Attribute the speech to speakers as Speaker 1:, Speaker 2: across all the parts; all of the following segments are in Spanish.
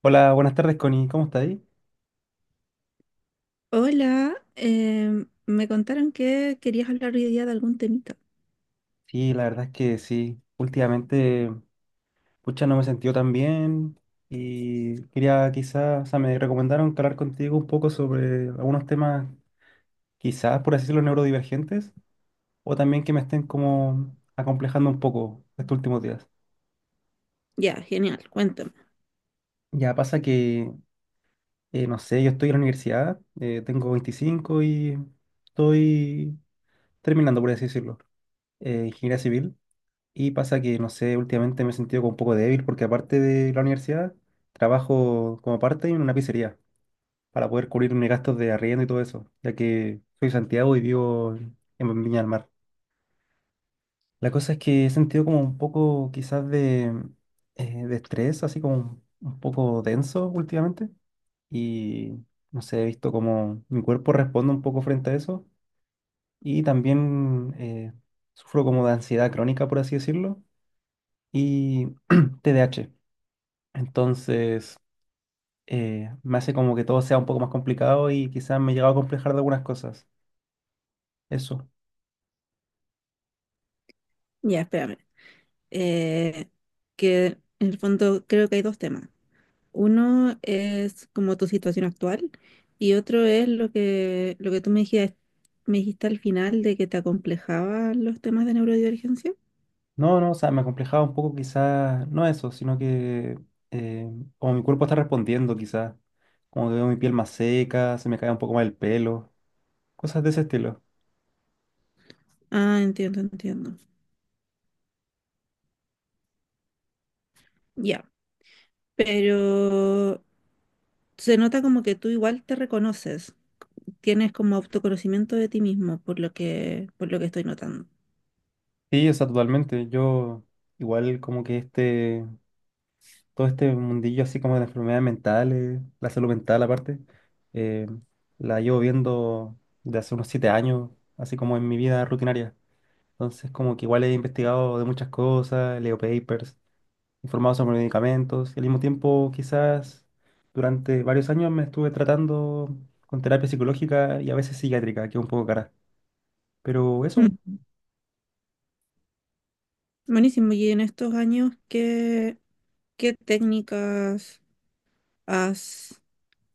Speaker 1: Hola, buenas tardes, Connie. ¿Cómo estás ahí?
Speaker 2: Hola, me contaron que querías hablar hoy día de algún temita.
Speaker 1: Sí, la verdad es que sí. Últimamente, pucha, no me he sentido tan bien y quería quizás, o sea, me recomendaron que hablar contigo un poco sobre algunos temas, quizás, por así decirlo, neurodivergentes o también que me estén como acomplejando un poco estos últimos días.
Speaker 2: Ya, genial, cuéntame.
Speaker 1: Ya pasa que, no sé, yo estoy en la universidad, tengo 25 y estoy terminando, por así decirlo, ingeniería civil. Y pasa que, no sé, últimamente me he sentido como un poco débil porque aparte de la universidad, trabajo como parte en una pizzería para poder cubrir mis gastos de arriendo y todo eso, ya que soy de Santiago y vivo en Viña del Mar. La cosa es que he sentido como un poco quizás de estrés, así como un poco denso últimamente. Y no sé, he visto como mi cuerpo responde un poco frente a eso. Y también sufro como de ansiedad crónica, por así decirlo, y TDAH. Entonces, me hace como que todo sea un poco más complicado y quizás me he llegado a complejar de algunas cosas. Eso.
Speaker 2: Ya, espérame. Eh, que en el fondo creo que hay dos temas. Uno es como tu situación actual y otro es lo que tú me dijiste al final de que te acomplejaban los temas de neurodivergencia.
Speaker 1: No, no, o sea, me complejaba un poco quizás, no eso, sino que eh, como mi cuerpo está respondiendo quizás, como que veo mi piel más seca, se me cae un poco más el pelo, cosas de ese estilo.
Speaker 2: Ah, entiendo, entiendo. Ya, pero se nota como que tú igual te reconoces. Tienes como autoconocimiento de ti mismo, por lo que estoy notando.
Speaker 1: Sí, o sea, totalmente. Yo igual como que este... todo este mundillo así como de las enfermedades mentales, la salud mental aparte, eh, la llevo viendo de hace unos 7 años, así como en mi vida rutinaria. Entonces, como que igual he investigado de muchas cosas, leo papers, informado sobre medicamentos, y al mismo tiempo quizás durante varios años me estuve tratando con terapia psicológica y a veces psiquiátrica, que es un poco cara. Pero eso,
Speaker 2: Mm. Buenísimo. Y en estos años, ¿qué técnicas has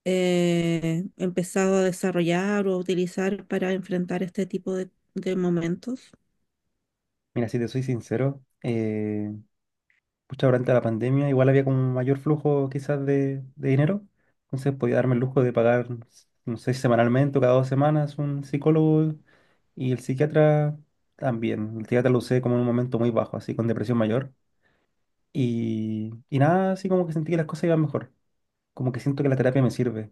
Speaker 2: empezado a desarrollar o a utilizar para enfrentar este tipo de momentos?
Speaker 1: mira, si te soy sincero, pucha, durante la pandemia igual había como un mayor flujo quizás de dinero, entonces podía darme el lujo de pagar, no sé, semanalmente o cada 2 semanas un psicólogo y el psiquiatra también. El psiquiatra lo usé como en un momento muy bajo, así con depresión mayor y nada, así como que sentí que las cosas iban mejor, como que siento que la terapia me sirve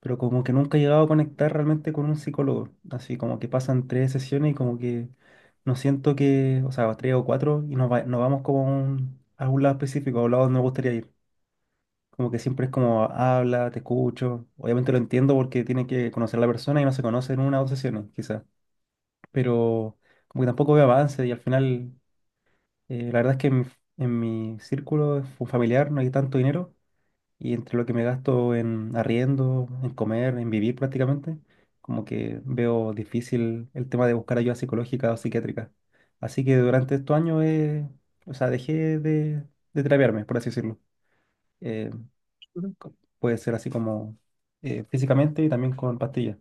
Speaker 1: pero como que nunca he llegado a conectar realmente con un psicólogo. Así como que pasan tres sesiones y como que no siento que, o sea, tres o cuatro y nos, nos vamos como a algún lado específico, a un lado donde me gustaría ir. Como que siempre es como habla, te escucho. Obviamente lo entiendo porque tiene que conocer a la persona y no se conoce en una o dos sesiones, quizás. Pero como que tampoco veo avance y al final, la verdad es que en mi círculo familiar no hay tanto dinero. Y entre lo que me gasto en arriendo, en comer, en vivir prácticamente, como que veo difícil el tema de buscar ayuda psicológica o psiquiátrica. Así que durante estos años, o sea, dejé de terapiarme, por así decirlo. Eh, Puede ser así como físicamente y también con pastillas.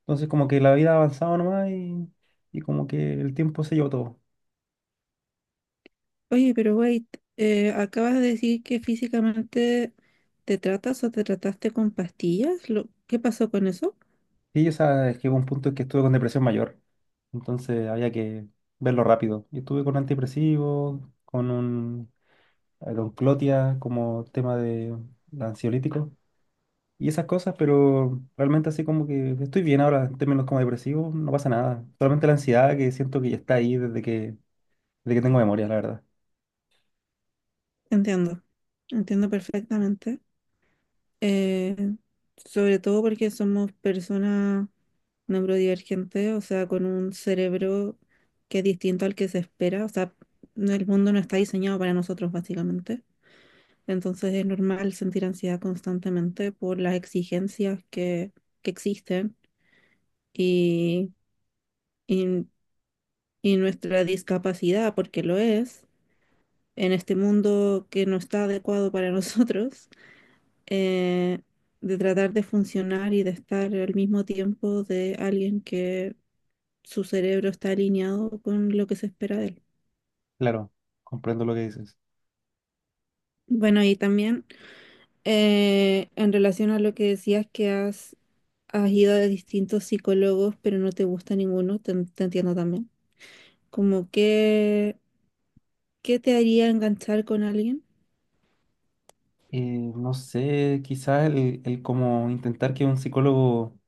Speaker 1: Entonces como que la vida ha avanzado nomás y como que el tiempo se llevó todo.
Speaker 2: Oye, pero wait, acabas de decir que físicamente te tratas o te trataste con pastillas. ¿Qué pasó con eso?
Speaker 1: Sí, o sea, es que hubo un punto en que estuve con depresión mayor, entonces había que verlo rápido. Y estuve con antidepresivos, con un con Clotia como tema de ansiolítico y esas cosas, pero realmente así como que estoy bien ahora en términos como depresivos, no pasa nada. Solamente la ansiedad que siento que ya está ahí desde que tengo memoria, la verdad.
Speaker 2: Entiendo, entiendo perfectamente. Eh, sobre todo porque somos personas neurodivergentes, o sea, con un cerebro que es distinto al que se espera, o sea, el mundo no está diseñado para nosotros básicamente. Entonces es normal sentir ansiedad constantemente por las exigencias que existen y, y, y nuestra discapacidad, porque lo es, en este mundo que no está adecuado para nosotros eh, de tratar de funcionar y de estar al mismo tiempo de alguien que su cerebro está alineado con lo que se espera de él.
Speaker 1: Claro, comprendo lo que dices.
Speaker 2: Bueno, y también en relación a lo que decías que has ido a distintos psicólogos, pero no te gusta ninguno, te entiendo también. Como que, ¿qué te haría enganchar con alguien?
Speaker 1: No sé, quizás el como intentar que un psicólogo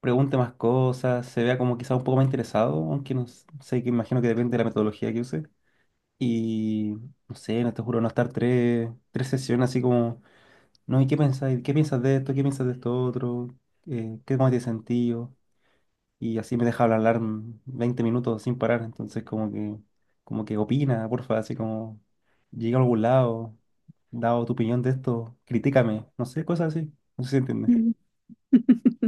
Speaker 1: pregunte más cosas, se vea como quizá un poco más interesado, aunque no s- sé, que imagino que depende de la metodología que use. Y no sé, no te juro, no estar tres sesiones así como, no, ¿y qué pensáis? ¿Qué piensas de esto? ¿Qué piensas de esto otro? ¿Qué más tiene sentido? Y así me deja hablar 20 minutos sin parar, entonces como que opina, porfa, así como, llega a algún lado, dado tu opinión de esto, critícame, no sé, cosas así, no sé si entiende.
Speaker 2: Ujú.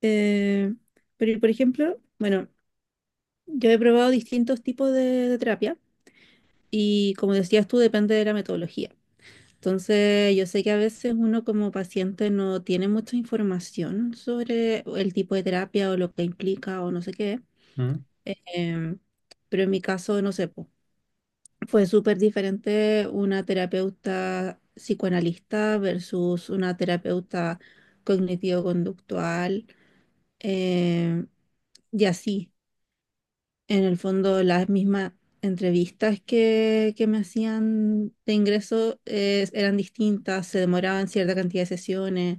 Speaker 2: Eh, pero, por ejemplo, bueno, yo he probado distintos tipos de terapia. Y como decías tú, depende de la metodología. Entonces, yo sé que a veces uno como paciente no tiene mucha información sobre el tipo de terapia o lo que implica o no sé qué. Em, pero en mi caso, no sé, po, fue súper diferente una terapeuta psicoanalista versus una terapeuta cognitivo-conductual. em, y así. En el fondo, las mismas entrevistas que me hacían de ingreso eran distintas, se demoraban cierta cantidad de sesiones.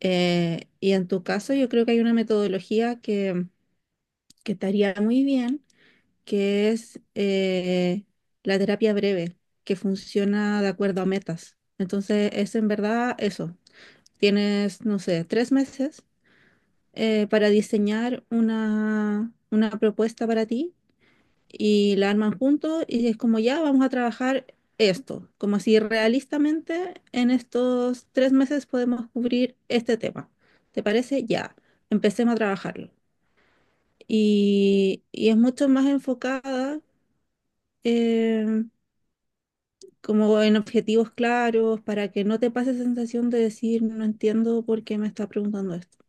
Speaker 2: Y en tu caso, yo creo que hay una metodología que te haría muy bien, que es la terapia breve, que funciona de acuerdo a metas. Entonces, es en verdad eso. Tienes, no sé, tres meses para diseñar una propuesta para ti y la arman juntos y es como ya vamos a trabajar esto, como si realistamente en estos tres meses podemos cubrir este tema. ¿Te parece? Ya, empecemos a trabajarlo. Y es mucho más enfocada eh, como en objetivos claros para que no te pase esa sensación de decir no entiendo por qué me está preguntando esto.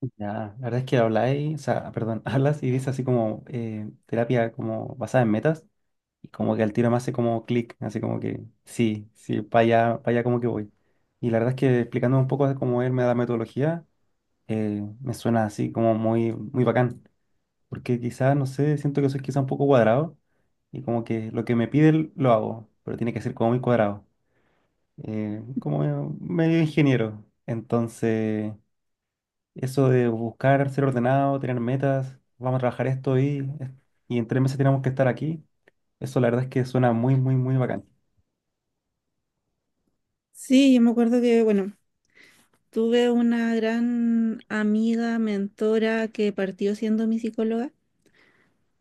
Speaker 1: Ya, la verdad es que habláis, o sea, perdón, hablas y dices así como terapia como basada en metas y como que al tiro me hace como clic, así como que sí, sí, para allá como que voy. Y la verdad es que explicándome un poco de cómo él me la metodología, me suena así como muy, muy bacán, porque quizás, no sé, siento que soy quizás un poco cuadrado y como que lo que me pide lo hago, pero tiene que ser como muy cuadrado, como medio ingeniero. Entonces... Eso de buscar ser ordenado, tener metas, vamos a trabajar esto y en 3 meses tenemos que estar aquí. Eso la verdad es que suena muy, muy, muy bacán.
Speaker 2: Sí, yo me acuerdo que, bueno, tuve una gran amiga, mentora que partió siendo mi psicóloga.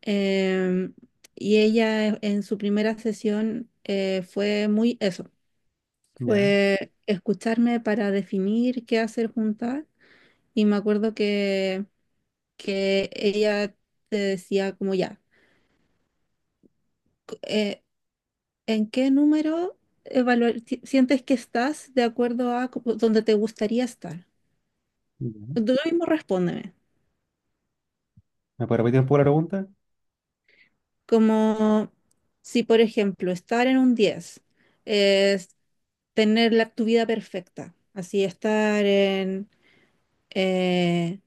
Speaker 2: Em, y ella en su primera sesión fue muy eso,
Speaker 1: Ya,
Speaker 2: fue escucharme para definir qué hacer juntas. Y me acuerdo que ella te decía como ya, cu- eh, ¿en qué número sientes que estás de acuerdo a donde te gustaría estar?
Speaker 1: ya.
Speaker 2: Tú mismo respóndeme.
Speaker 1: ¿Me puede repetir un poco la pregunta?
Speaker 2: Como si, por ejemplo, estar en un 10 es tener tu vida perfecta, así estar eh,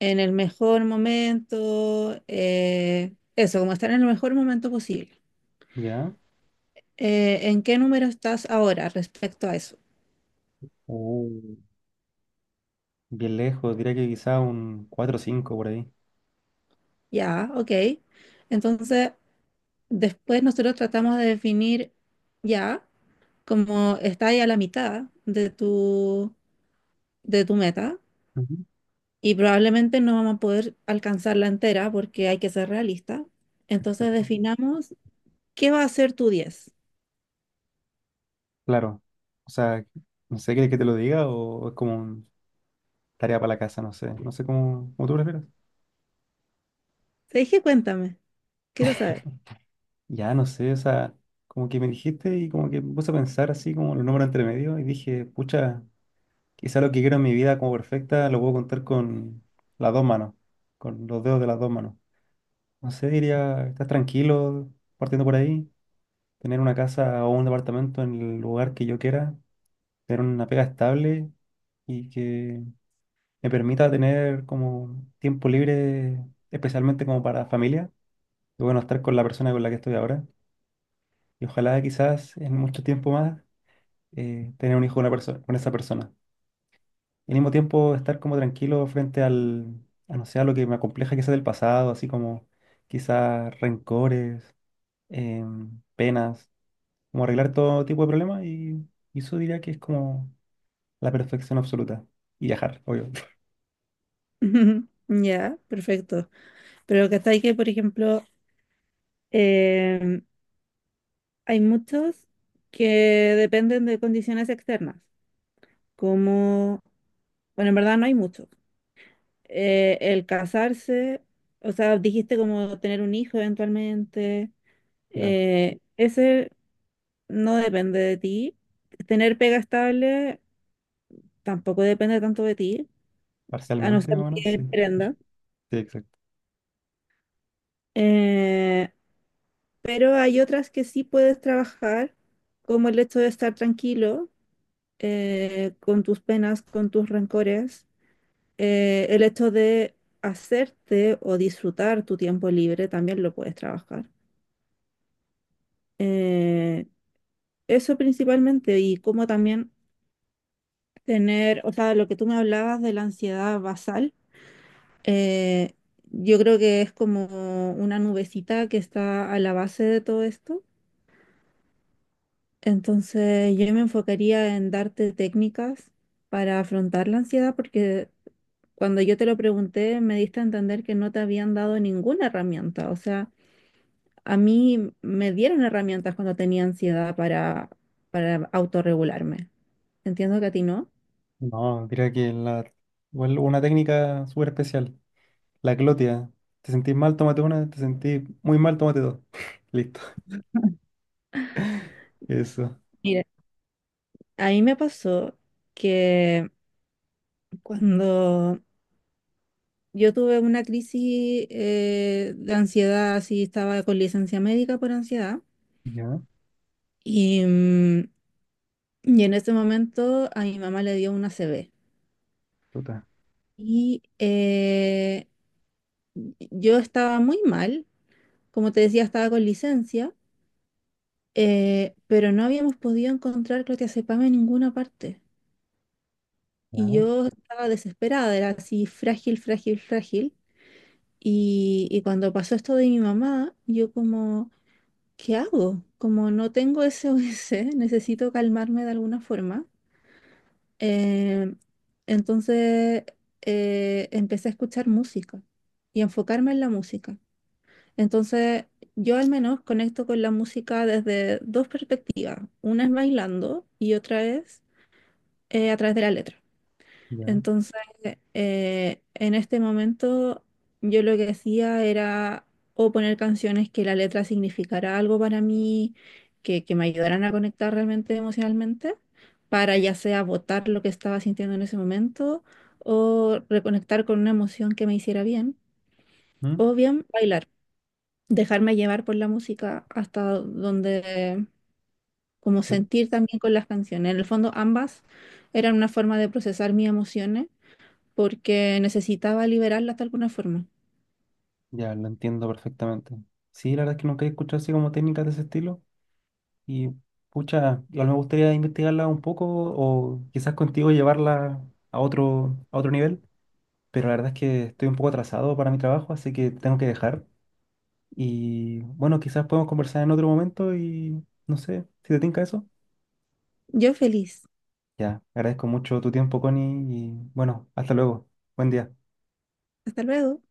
Speaker 2: en el mejor momento, eso, como estar en el mejor momento posible.
Speaker 1: Ya.
Speaker 2: ¿En qué número estás ahora respecto a eso?
Speaker 1: Oh, bien lejos, diría que quizá un 4 o 5 por ahí.
Speaker 2: Ya, ok. Entonces, después nosotros tratamos de definir ya como está ahí a la mitad de tu meta
Speaker 1: Ujú.
Speaker 2: y probablemente no vamos a poder alcanzarla entera porque hay que ser realista. Entonces
Speaker 1: Exacto.
Speaker 2: definamos qué va a ser tu diez.
Speaker 1: Claro. O sea, no sé, ¿quieres que te lo diga o es como un tarea para la casa? No sé. No sé cómo, cómo tú prefieres.
Speaker 2: Te dije, cuéntame, quiero saber.
Speaker 1: Ya, no sé, o sea, como que me dijiste y como que me puse a pensar así como los números entre medio y dije, pucha. Quizá lo que quiero en mi vida como perfecta lo puedo contar con las dos manos, con los dedos de las dos manos. No sé, diría, estás tranquilo partiendo por ahí, tener una casa o un departamento en el lugar que yo quiera, tener una pega estable y que me permita tener como tiempo libre, especialmente como para familia. Y bueno, estar con la persona con la que estoy ahora. Y ojalá quizás en mucho tiempo más tener un hijo con, una persona, con esa persona. Y al mismo tiempo estar como tranquilo frente al, a no sé, a lo que me acompleja quizás del pasado, así como quizás rencores, penas, como arreglar todo tipo de problemas y eso diría que es como la perfección absoluta. Y viajar, obvio.
Speaker 2: Ya, perfecto. Pero que hasta ahí que, por ejemplo, em, hay muchos que dependen de condiciones externas, como, bueno, en verdad no hay muchos. El casarse, o sea, dijiste como tener un hijo eventualmente.
Speaker 1: Claro.
Speaker 2: Ese no depende de ti. Tener pega estable tampoco depende tanto de ti, a no
Speaker 1: Parcialmente,
Speaker 2: ser
Speaker 1: más o menos,
Speaker 2: que
Speaker 1: sí. Sí,
Speaker 2: emprenda.
Speaker 1: exacto.
Speaker 2: Eh, pero hay otras que sí puedes trabajar, como el hecho de estar tranquilo con tus penas, con tus rencores. El hecho de hacerte o disfrutar tu tiempo libre también lo puedes trabajar. Eh, eso principalmente y como también tener, o sea, lo que tú me hablabas de la ansiedad basal. Eh, yo creo que es como una nubecita que está a la base de todo esto. Entonces yo me enfocaría en darte técnicas para afrontar la ansiedad porque cuando yo te lo pregunté me diste a entender que no te habían dado ninguna herramienta. O sea, a mí me dieron herramientas cuando tenía ansiedad para autorregularme. Entiendo que a ti no.
Speaker 1: No, diría que la, igual una técnica súper especial, la glotia. Te sentís mal, tómate una, te sentís muy mal, tómate dos. Listo. Eso.
Speaker 2: Mira, a mí me pasó que cuando yo tuve una crisis de ansiedad, así estaba con licencia médica por ansiedad.
Speaker 1: Ya,
Speaker 2: Y, mm, y en ese momento a mi mamá le dio una CB.
Speaker 1: puta.
Speaker 2: Y yo estaba muy mal, como te decía, estaba con licencia, pero no habíamos podido encontrar clonazepam en ninguna parte.
Speaker 1: Ya,
Speaker 2: Y yo estaba desesperada, era así frágil, frágil, frágil. Y cuando pasó esto de mi mamá, yo como... ¿Qué hago? Como no tengo S o SOS, necesito calmarme de alguna forma. Eh, entonces empecé a escuchar música y enfocarme en la música. Entonces yo al menos conecto con la música desde dos perspectivas. Una es bailando y otra es a través de la letra.
Speaker 1: ya.
Speaker 2: Entonces, en este momento yo lo que hacía era o poner canciones que la letra significara algo para mí, que me ayudaran a conectar realmente emocionalmente, para ya sea botar lo que estaba sintiendo en ese momento o reconectar con una emoción que me hiciera bien,
Speaker 1: ¿Mm?
Speaker 2: o bien bailar, dejarme llevar por la música hasta donde, como
Speaker 1: Eh,
Speaker 2: sentir también con las canciones. En el fondo, ambas eran una forma de procesar mis emociones porque necesitaba liberarlas de alguna forma.
Speaker 1: Ya, lo entiendo perfectamente. Sí, la verdad es que nunca he escuchado así como técnicas de ese estilo. Y pucha, igual me gustaría investigarla un poco o quizás contigo llevarla a otro nivel. Pero la verdad es que estoy un poco atrasado para mi trabajo, así que tengo que dejar. Y bueno, quizás podemos conversar en otro momento y no sé si te tinca eso.
Speaker 2: Yo feliz.
Speaker 1: Ya, agradezco mucho tu tiempo, Connie, y bueno, hasta luego. Buen día.
Speaker 2: Hasta luego.